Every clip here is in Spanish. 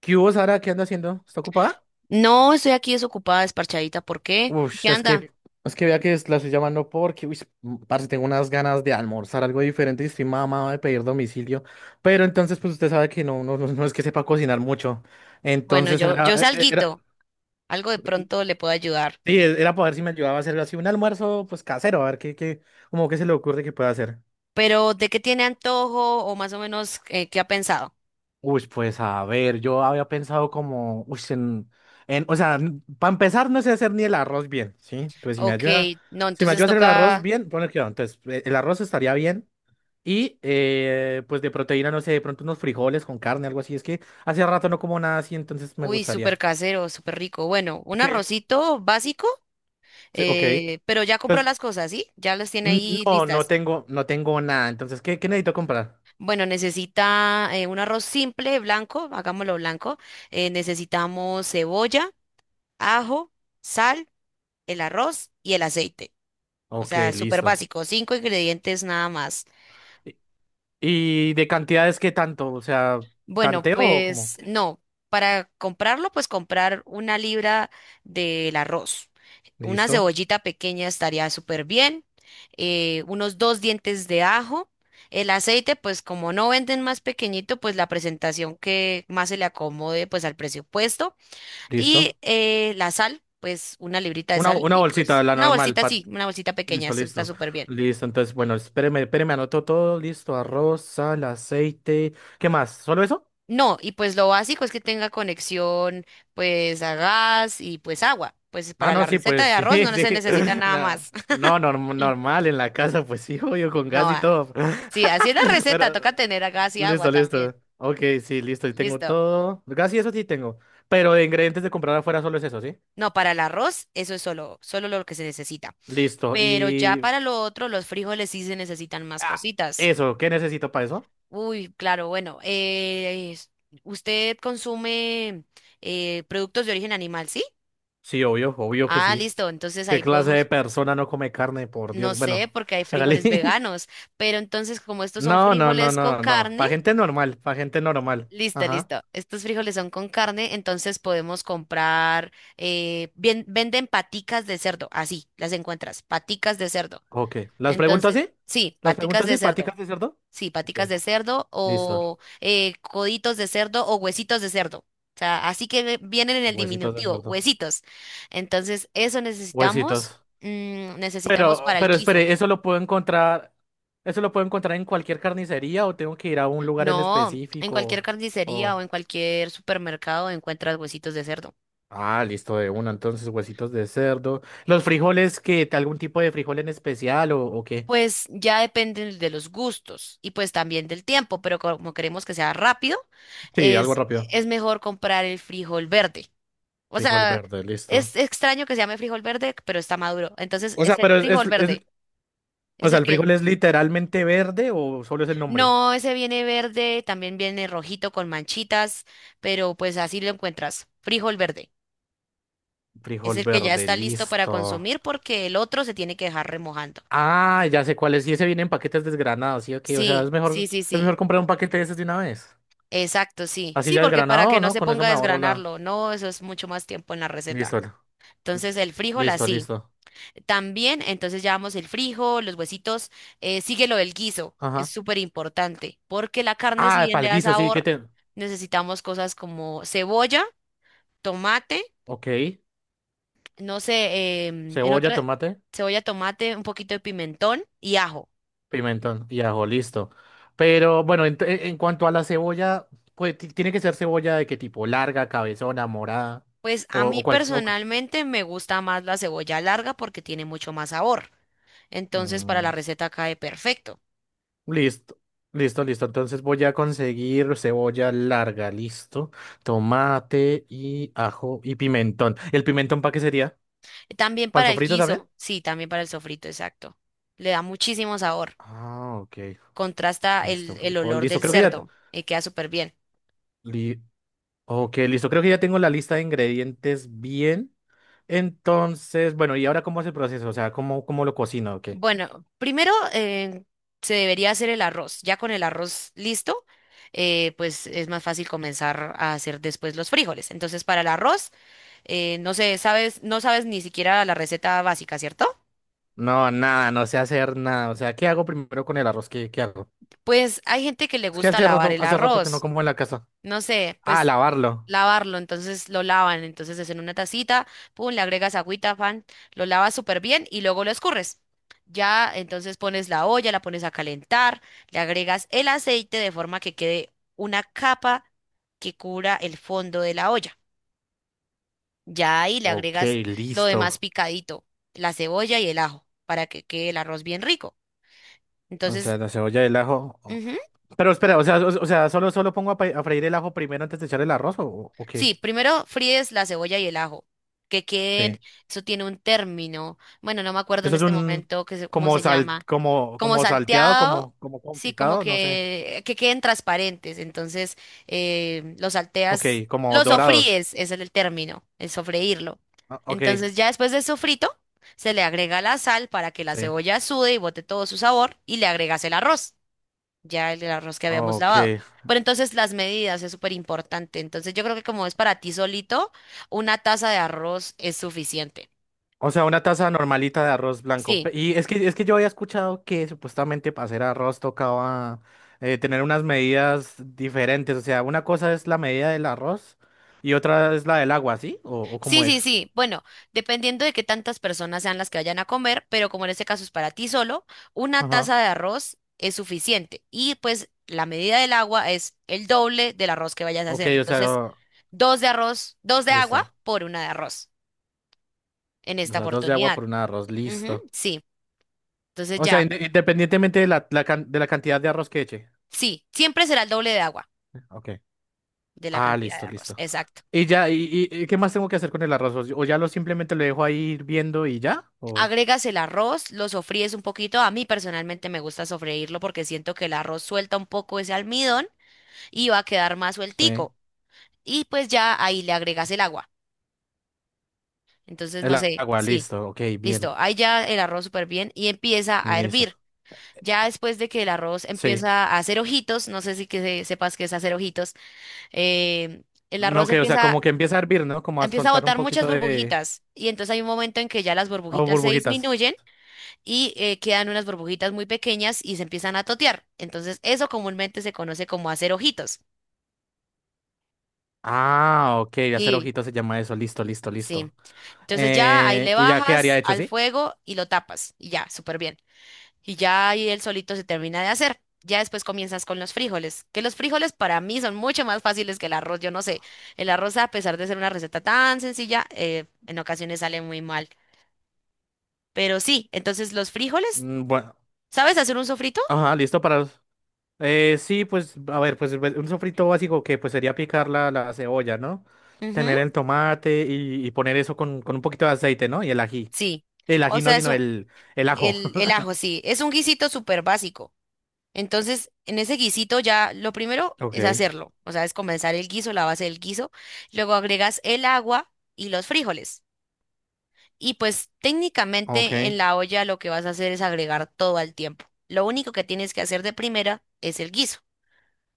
¿Qué hubo, Sara? ¿Qué anda haciendo? ¿Está ocupada? No, estoy aquí desocupada, desparchadita. ¿Por qué? ¿Qué Uf, es anda? que, es que vea la estoy llamando porque, uy, parce, tengo unas ganas de almorzar algo diferente y estoy mamado de pedir domicilio. Pero entonces, pues usted sabe que no es que sepa cocinar mucho. Bueno, Entonces, yo, Sara, yo sé era, alguito, algo de pronto le puedo ayudar. sí, era para ver si me ayudaba a hacer así un almuerzo, pues casero, a ver como que se le ocurre que pueda hacer. Pero, ¿de qué tiene antojo o más o menos qué ha pensado? Uy, pues a ver, yo había pensado como, uy, o sea, para empezar no sé hacer ni el arroz bien, ¿sí? Pues si me Ok, ayuda, no, si me entonces ayuda a hacer el arroz toca, bien, pone cuidado, entonces el arroz estaría bien y pues de proteína, no sé, de pronto unos frijoles con carne, algo así, es que hace rato no como nada así, entonces me uy, gustaría. súper casero, súper rico. Bueno, un Sí. arrocito básico, Sí, ok. Pero ya compró Pues las cosas, ¿sí? Ya las tiene ahí no, no listas. tengo, no tengo nada, entonces, qué necesito comprar? Bueno, necesita un arroz simple, blanco, hagámoslo blanco. Necesitamos cebolla, ajo, sal, el arroz y el aceite. O Ok, sea, súper listo. básico, cinco ingredientes nada más. ¿Y, y de cantidades qué tanto? O sea, Bueno, ¿tanteo o cómo? pues no, para comprarlo, pues comprar una libra del arroz. Una Listo. cebollita pequeña estaría súper bien. Unos dos dientes de ajo. El aceite, pues como no venden más pequeñito, pues la presentación que más se le acomode, pues al presupuesto. Y Listo. La sal, pues una librita de sal Una y bolsita, pues la una normal, bolsita, sí, Pat. una bolsita pequeña, Listo, eso está listo. súper bien. Listo. Entonces, bueno, espéreme, espéreme, anoto todo. Listo. Arroz, sal, aceite. ¿Qué más? ¿Solo eso? No, y pues lo básico es que tenga conexión pues a gas y pues agua. Pues Ah, para no, la sí, receta pues de sí, arroz no se sí. necesita nada más. No, normal en la casa, pues sí, obvio, con gas No, y ah, todo. sí, así es la receta, Pero, toca tener a gas y agua listo, listo. también. Ok, sí, listo. Y tengo Listo. todo. Gas y eso sí tengo. Pero de ingredientes de comprar afuera solo es eso, ¿sí? No, para el arroz eso es solo, solo lo que se necesita. Listo. Pero ya Y. para lo otro, los frijoles sí se necesitan más Ah, cositas. eso, ¿qué necesito para eso? Uy, claro, bueno, ¿usted consume productos de origen animal, sí? Sí, obvio, obvio que Ah, sí. listo, entonces ¿Qué ahí clase de podemos. persona no come carne? Por No Dios. sé, Bueno, porque hay hágale. frijoles veganos, pero entonces como estos son No, no, no, frijoles con no, no. carne, Para gente normal, para gente normal. listo, Ajá. listo. Estos frijoles son con carne, entonces podemos comprar, venden paticas de cerdo, así las encuentras, paticas de cerdo. Ok. ¿Las preguntas Entonces, sí? sí, ¿Las paticas preguntas de sí? cerdo, ¿Paticas de cerdo? sí, Ok. paticas de cerdo Listo. o coditos de cerdo o huesitos de cerdo. O sea, así que vienen en el Huesitos de diminutivo, cerdo. huesitos. Entonces, eso necesitamos, Huesitos. Necesitamos Pero, para el pero espere, guiso. ¿eso lo puedo encontrar? ¿Eso lo puedo encontrar en cualquier carnicería o tengo que ir a un lugar en No, en específico? cualquier carnicería o O... en cualquier supermercado encuentras huesitos de cerdo. Ah, listo, de una. Entonces, huesitos de cerdo. ¿Los frijoles, qué? ¿Algún tipo de frijol en especial o qué? Pues ya depende de los gustos y pues también del tiempo, pero como queremos que sea rápido, Sí, algo rápido. es mejor comprar el frijol verde. O Frijol sea, verde, listo. es extraño que se llame frijol verde, pero está maduro. Entonces, O es sea, el pero frijol verde. o Es sea, el ¿el que... frijol es literalmente verde o solo es el nombre? No, ese viene verde, también viene rojito con manchitas, pero pues así lo encuentras. Frijol verde. Es Frijol el que ya verde, está listo para listo. consumir porque el otro se tiene que dejar remojando. Ah, ya sé cuál es. Y ese viene en paquetes desgranados, sí, ok. O sea, Sí, sí, sí, es sí. mejor comprar un paquete de esos de una vez. Exacto, sí. Así Sí, ya porque para desgranado, que no ¿no? se Con eso ponga a me ahorro la. desgranarlo, no, eso es mucho más tiempo en la receta. Listo. Entonces el frijol Listo, así. listo. También, entonces llevamos el frijol, los huesitos, sigue lo del guiso. Es Ajá. súper importante porque la carne, si Ah, bien le da palguiso, sí, que sabor, te. necesitamos cosas como cebolla, tomate, Ok. no sé, Cebolla, tomate. cebolla, tomate, un poquito de pimentón y ajo. Pimentón y ajo, listo. Pero bueno, en cuanto a la cebolla, pues tiene que ser cebolla de qué tipo, larga, cabezona, morada Pues a o mí cualquier. Personalmente me gusta más la cebolla larga porque tiene mucho más sabor. Entonces para Mm, la receta cae perfecto. listo, listo, listo. Entonces voy a conseguir cebolla larga, listo. Tomate y ajo y pimentón. ¿El pimentón para qué sería? También ¿Para el para el sofrito también? guiso, sí, también para el sofrito, exacto. Le da muchísimo sabor. Ah, ok. Contrasta Listo, el frijol, olor listo. del Creo que cerdo y queda súper bien. ya. Ok, listo. Creo que ya tengo la lista de ingredientes bien. Entonces, bueno, ¿y ahora cómo es el proceso? O sea, cómo lo cocino o qué? Bueno, primero se debería hacer el arroz. Ya con el arroz listo, pues es más fácil comenzar a hacer después los frijoles. Entonces para el arroz, no sé, sabes, no sabes ni siquiera la receta básica, ¿cierto? No, nada, no sé hacer nada. O sea, ¿qué hago primero con el arroz? Qué hago? Pues hay gente que le Es que gusta lavar el hace rato que no arroz, como en la casa. no sé, Ah, pues lavarlo. lavarlo, entonces lo lavan, entonces es en una tacita, pum, le agregas agüita, pan, lo lavas súper bien y luego lo escurres. Ya, entonces pones la olla, la pones a calentar, le agregas el aceite de forma que quede una capa que cubra el fondo de la olla. Ya ahí le Ok, agregas lo listo. demás picadito, la cebolla y el ajo, para que quede el arroz bien rico. O Entonces, sea, la cebolla y el ajo. Ujú. Pero espera, o sea, o sea, solo pongo a, a freír el ajo primero antes de echar el arroz o Sí, qué? primero fríes la cebolla y el ajo, que Sí. queden, eso tiene un término, bueno, no me acuerdo en Eso es este un momento que cómo como se sal, llama, como, como como salteado, salteado, como, como sí, como confitado, no sé. Que queden transparentes, entonces los Ok, salteas, como los dorados. sofríes, ese es el término, el sofreírlo. Ah, ok, Entonces ya después del sofrito, se le agrega la sal para que la sí. cebolla sude y bote todo su sabor y le agregas el arroz ya el arroz que habíamos lavado. Ok. Pero entonces las medidas es súper importante. Entonces yo creo que como es para ti solito, una taza de arroz es suficiente. O sea, una taza normalita de arroz blanco. Sí, Y es que yo había escuchado que supuestamente para hacer arroz tocaba tener unas medidas diferentes. O sea, una cosa es la medida del arroz y otra es la del agua, ¿sí? O sí, cómo sí, es? sí. Bueno, dependiendo de qué tantas personas sean las que vayan a comer, pero como en este caso es para ti solo, una Ajá. taza de arroz es suficiente. Y pues la medida del agua es el doble del arroz que vayas a Ok, hacer. o Entonces, sea, dos de arroz, dos de agua listo. por una de arroz en O esta sea, dos de agua oportunidad. por una de arroz, Ujú, listo. sí, entonces O sea, ya, independientemente de la, de la cantidad de arroz que eche. sí, siempre será el doble de agua. Ok. De la Ah, cantidad de listo, arroz. listo. Exacto. Y ya, y qué más tengo que hacer con el arroz? ¿O ya lo simplemente lo dejo ahí hirviendo y ya? ¿O Agregas el arroz, lo sofríes un poquito. A mí personalmente me gusta sofreírlo porque siento que el arroz suelta un poco ese almidón y va a quedar más sí. sueltico. Y pues ya ahí le agregas el agua. Entonces, El no sé, agua, sí. listo, ok, bien. Listo, ahí ya el arroz súper bien y empieza a Listo. hervir. Ya después de que el arroz Sí. empieza a hacer ojitos, no sé si que sepas qué es hacer ojitos, eh, el No, arroz que, o sea, empieza, como que empieza a hervir, ¿no? Como a empieza a soltar un botar muchas poquito de... burbujitas y entonces hay un momento en que ya las Oh, burbujitas se burbujitas. disminuyen y quedan unas burbujitas muy pequeñas y se empiezan a totear. Entonces, eso comúnmente se conoce como hacer ojitos. Ah, ok, hacer Sí. ojitos se llama eso. Listo, listo, Sí. listo. Entonces ya ahí le Y ya quedaría bajas hecho, al ¿sí? fuego y lo tapas y ya, súper bien. Y ya ahí el solito se termina de hacer. Ya después comienzas con los frijoles, que los frijoles para mí son mucho más fáciles que el arroz. Yo no sé, el arroz a pesar de ser una receta tan sencilla, en ocasiones sale muy mal. Pero sí, entonces los frijoles, Mm, bueno, ¿sabes hacer un sofrito? ajá, listo para... sí, pues, a ver, un sofrito básico que pues sería picar la cebolla, ¿no? Ujú. Tener el tomate y poner eso con un poquito de aceite, ¿no? Y el ají. Sí. El O ají no, sea, es sino un, el ajo. El ajo, sí. Es un guisito súper básico. Entonces, en ese guisito ya lo primero es Ok. hacerlo. O sea, es comenzar el guiso, la base del guiso. Luego agregas el agua y los frijoles. Y pues Ok, técnicamente en la olla lo que vas a hacer es agregar todo al tiempo. Lo único que tienes que hacer de primera es el guiso.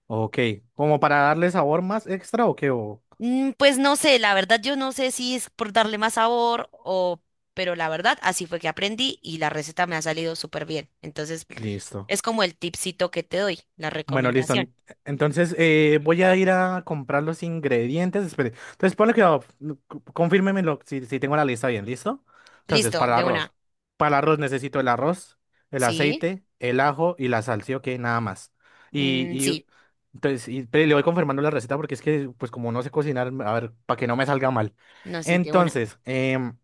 ok. ¿Como para darle sabor más extra o qué? O- Mm, pues no sé, la verdad yo no sé si es por darle más sabor o... Pero la verdad, así fue que aprendí y la receta me ha salido súper bien. Entonces, Listo. es como el tipcito que te doy, la Bueno, listo. recomendación. Entonces voy a ir a comprar los ingredientes. Espere. Entonces ponle que no, confírmemelo si tengo la lista bien. ¿Listo? Entonces, Listo, para el de una. arroz. Para el arroz necesito el arroz, el Sí, aceite, el ajo y la sal. ¿Sí o qué? Nada más. Y, y sí, pero le voy confirmando la receta porque es que, pues como no sé cocinar, a ver, para que no me salga mal. no, sí, de una. Entonces, em,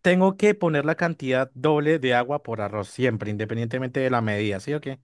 tengo que poner la cantidad doble de agua por arroz siempre, independientemente de la medida. ¿Sí o qué?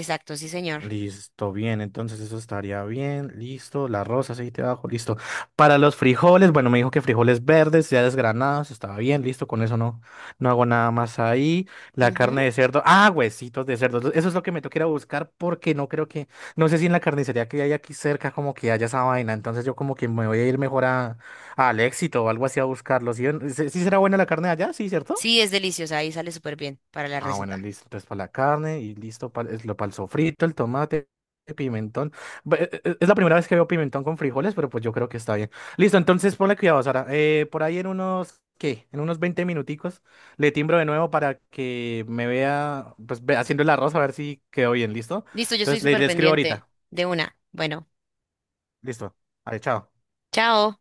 Exacto, sí, señor. Listo, bien, entonces eso estaría bien, listo, la rosa, aceite de ajo, listo. Para los frijoles, bueno, me dijo que frijoles verdes, ya desgranados, estaba bien, listo, con eso no, no hago nada más ahí. La Ujú. carne de cerdo, ah, huesitos de cerdo, eso es lo que me toca ir a buscar porque no creo que, no sé si en la carnicería que hay aquí cerca como que haya esa vaina, entonces yo como que me voy a ir mejor a, al Éxito o algo así a buscarlo, ¿sí? ¿Sí sí será buena la carne de allá? Sí, ¿cierto? Sí, es deliciosa, ahí sale súper bien para la Ah, bueno, receta. listo. Entonces para la carne y listo para el sofrito, el tomate, el pimentón. Es la primera vez que veo pimentón con frijoles, pero pues yo creo que está bien. Listo, entonces ponle cuidado, Sara. Por ahí en unos, ¿qué? En unos 20 minuticos le timbro de nuevo para que me vea, pues haciendo el arroz a ver si quedó bien, ¿listo? Listo, yo estoy Entonces súper le escribo pendiente. ahorita. De una. Bueno, Listo. Vale, chao. chao.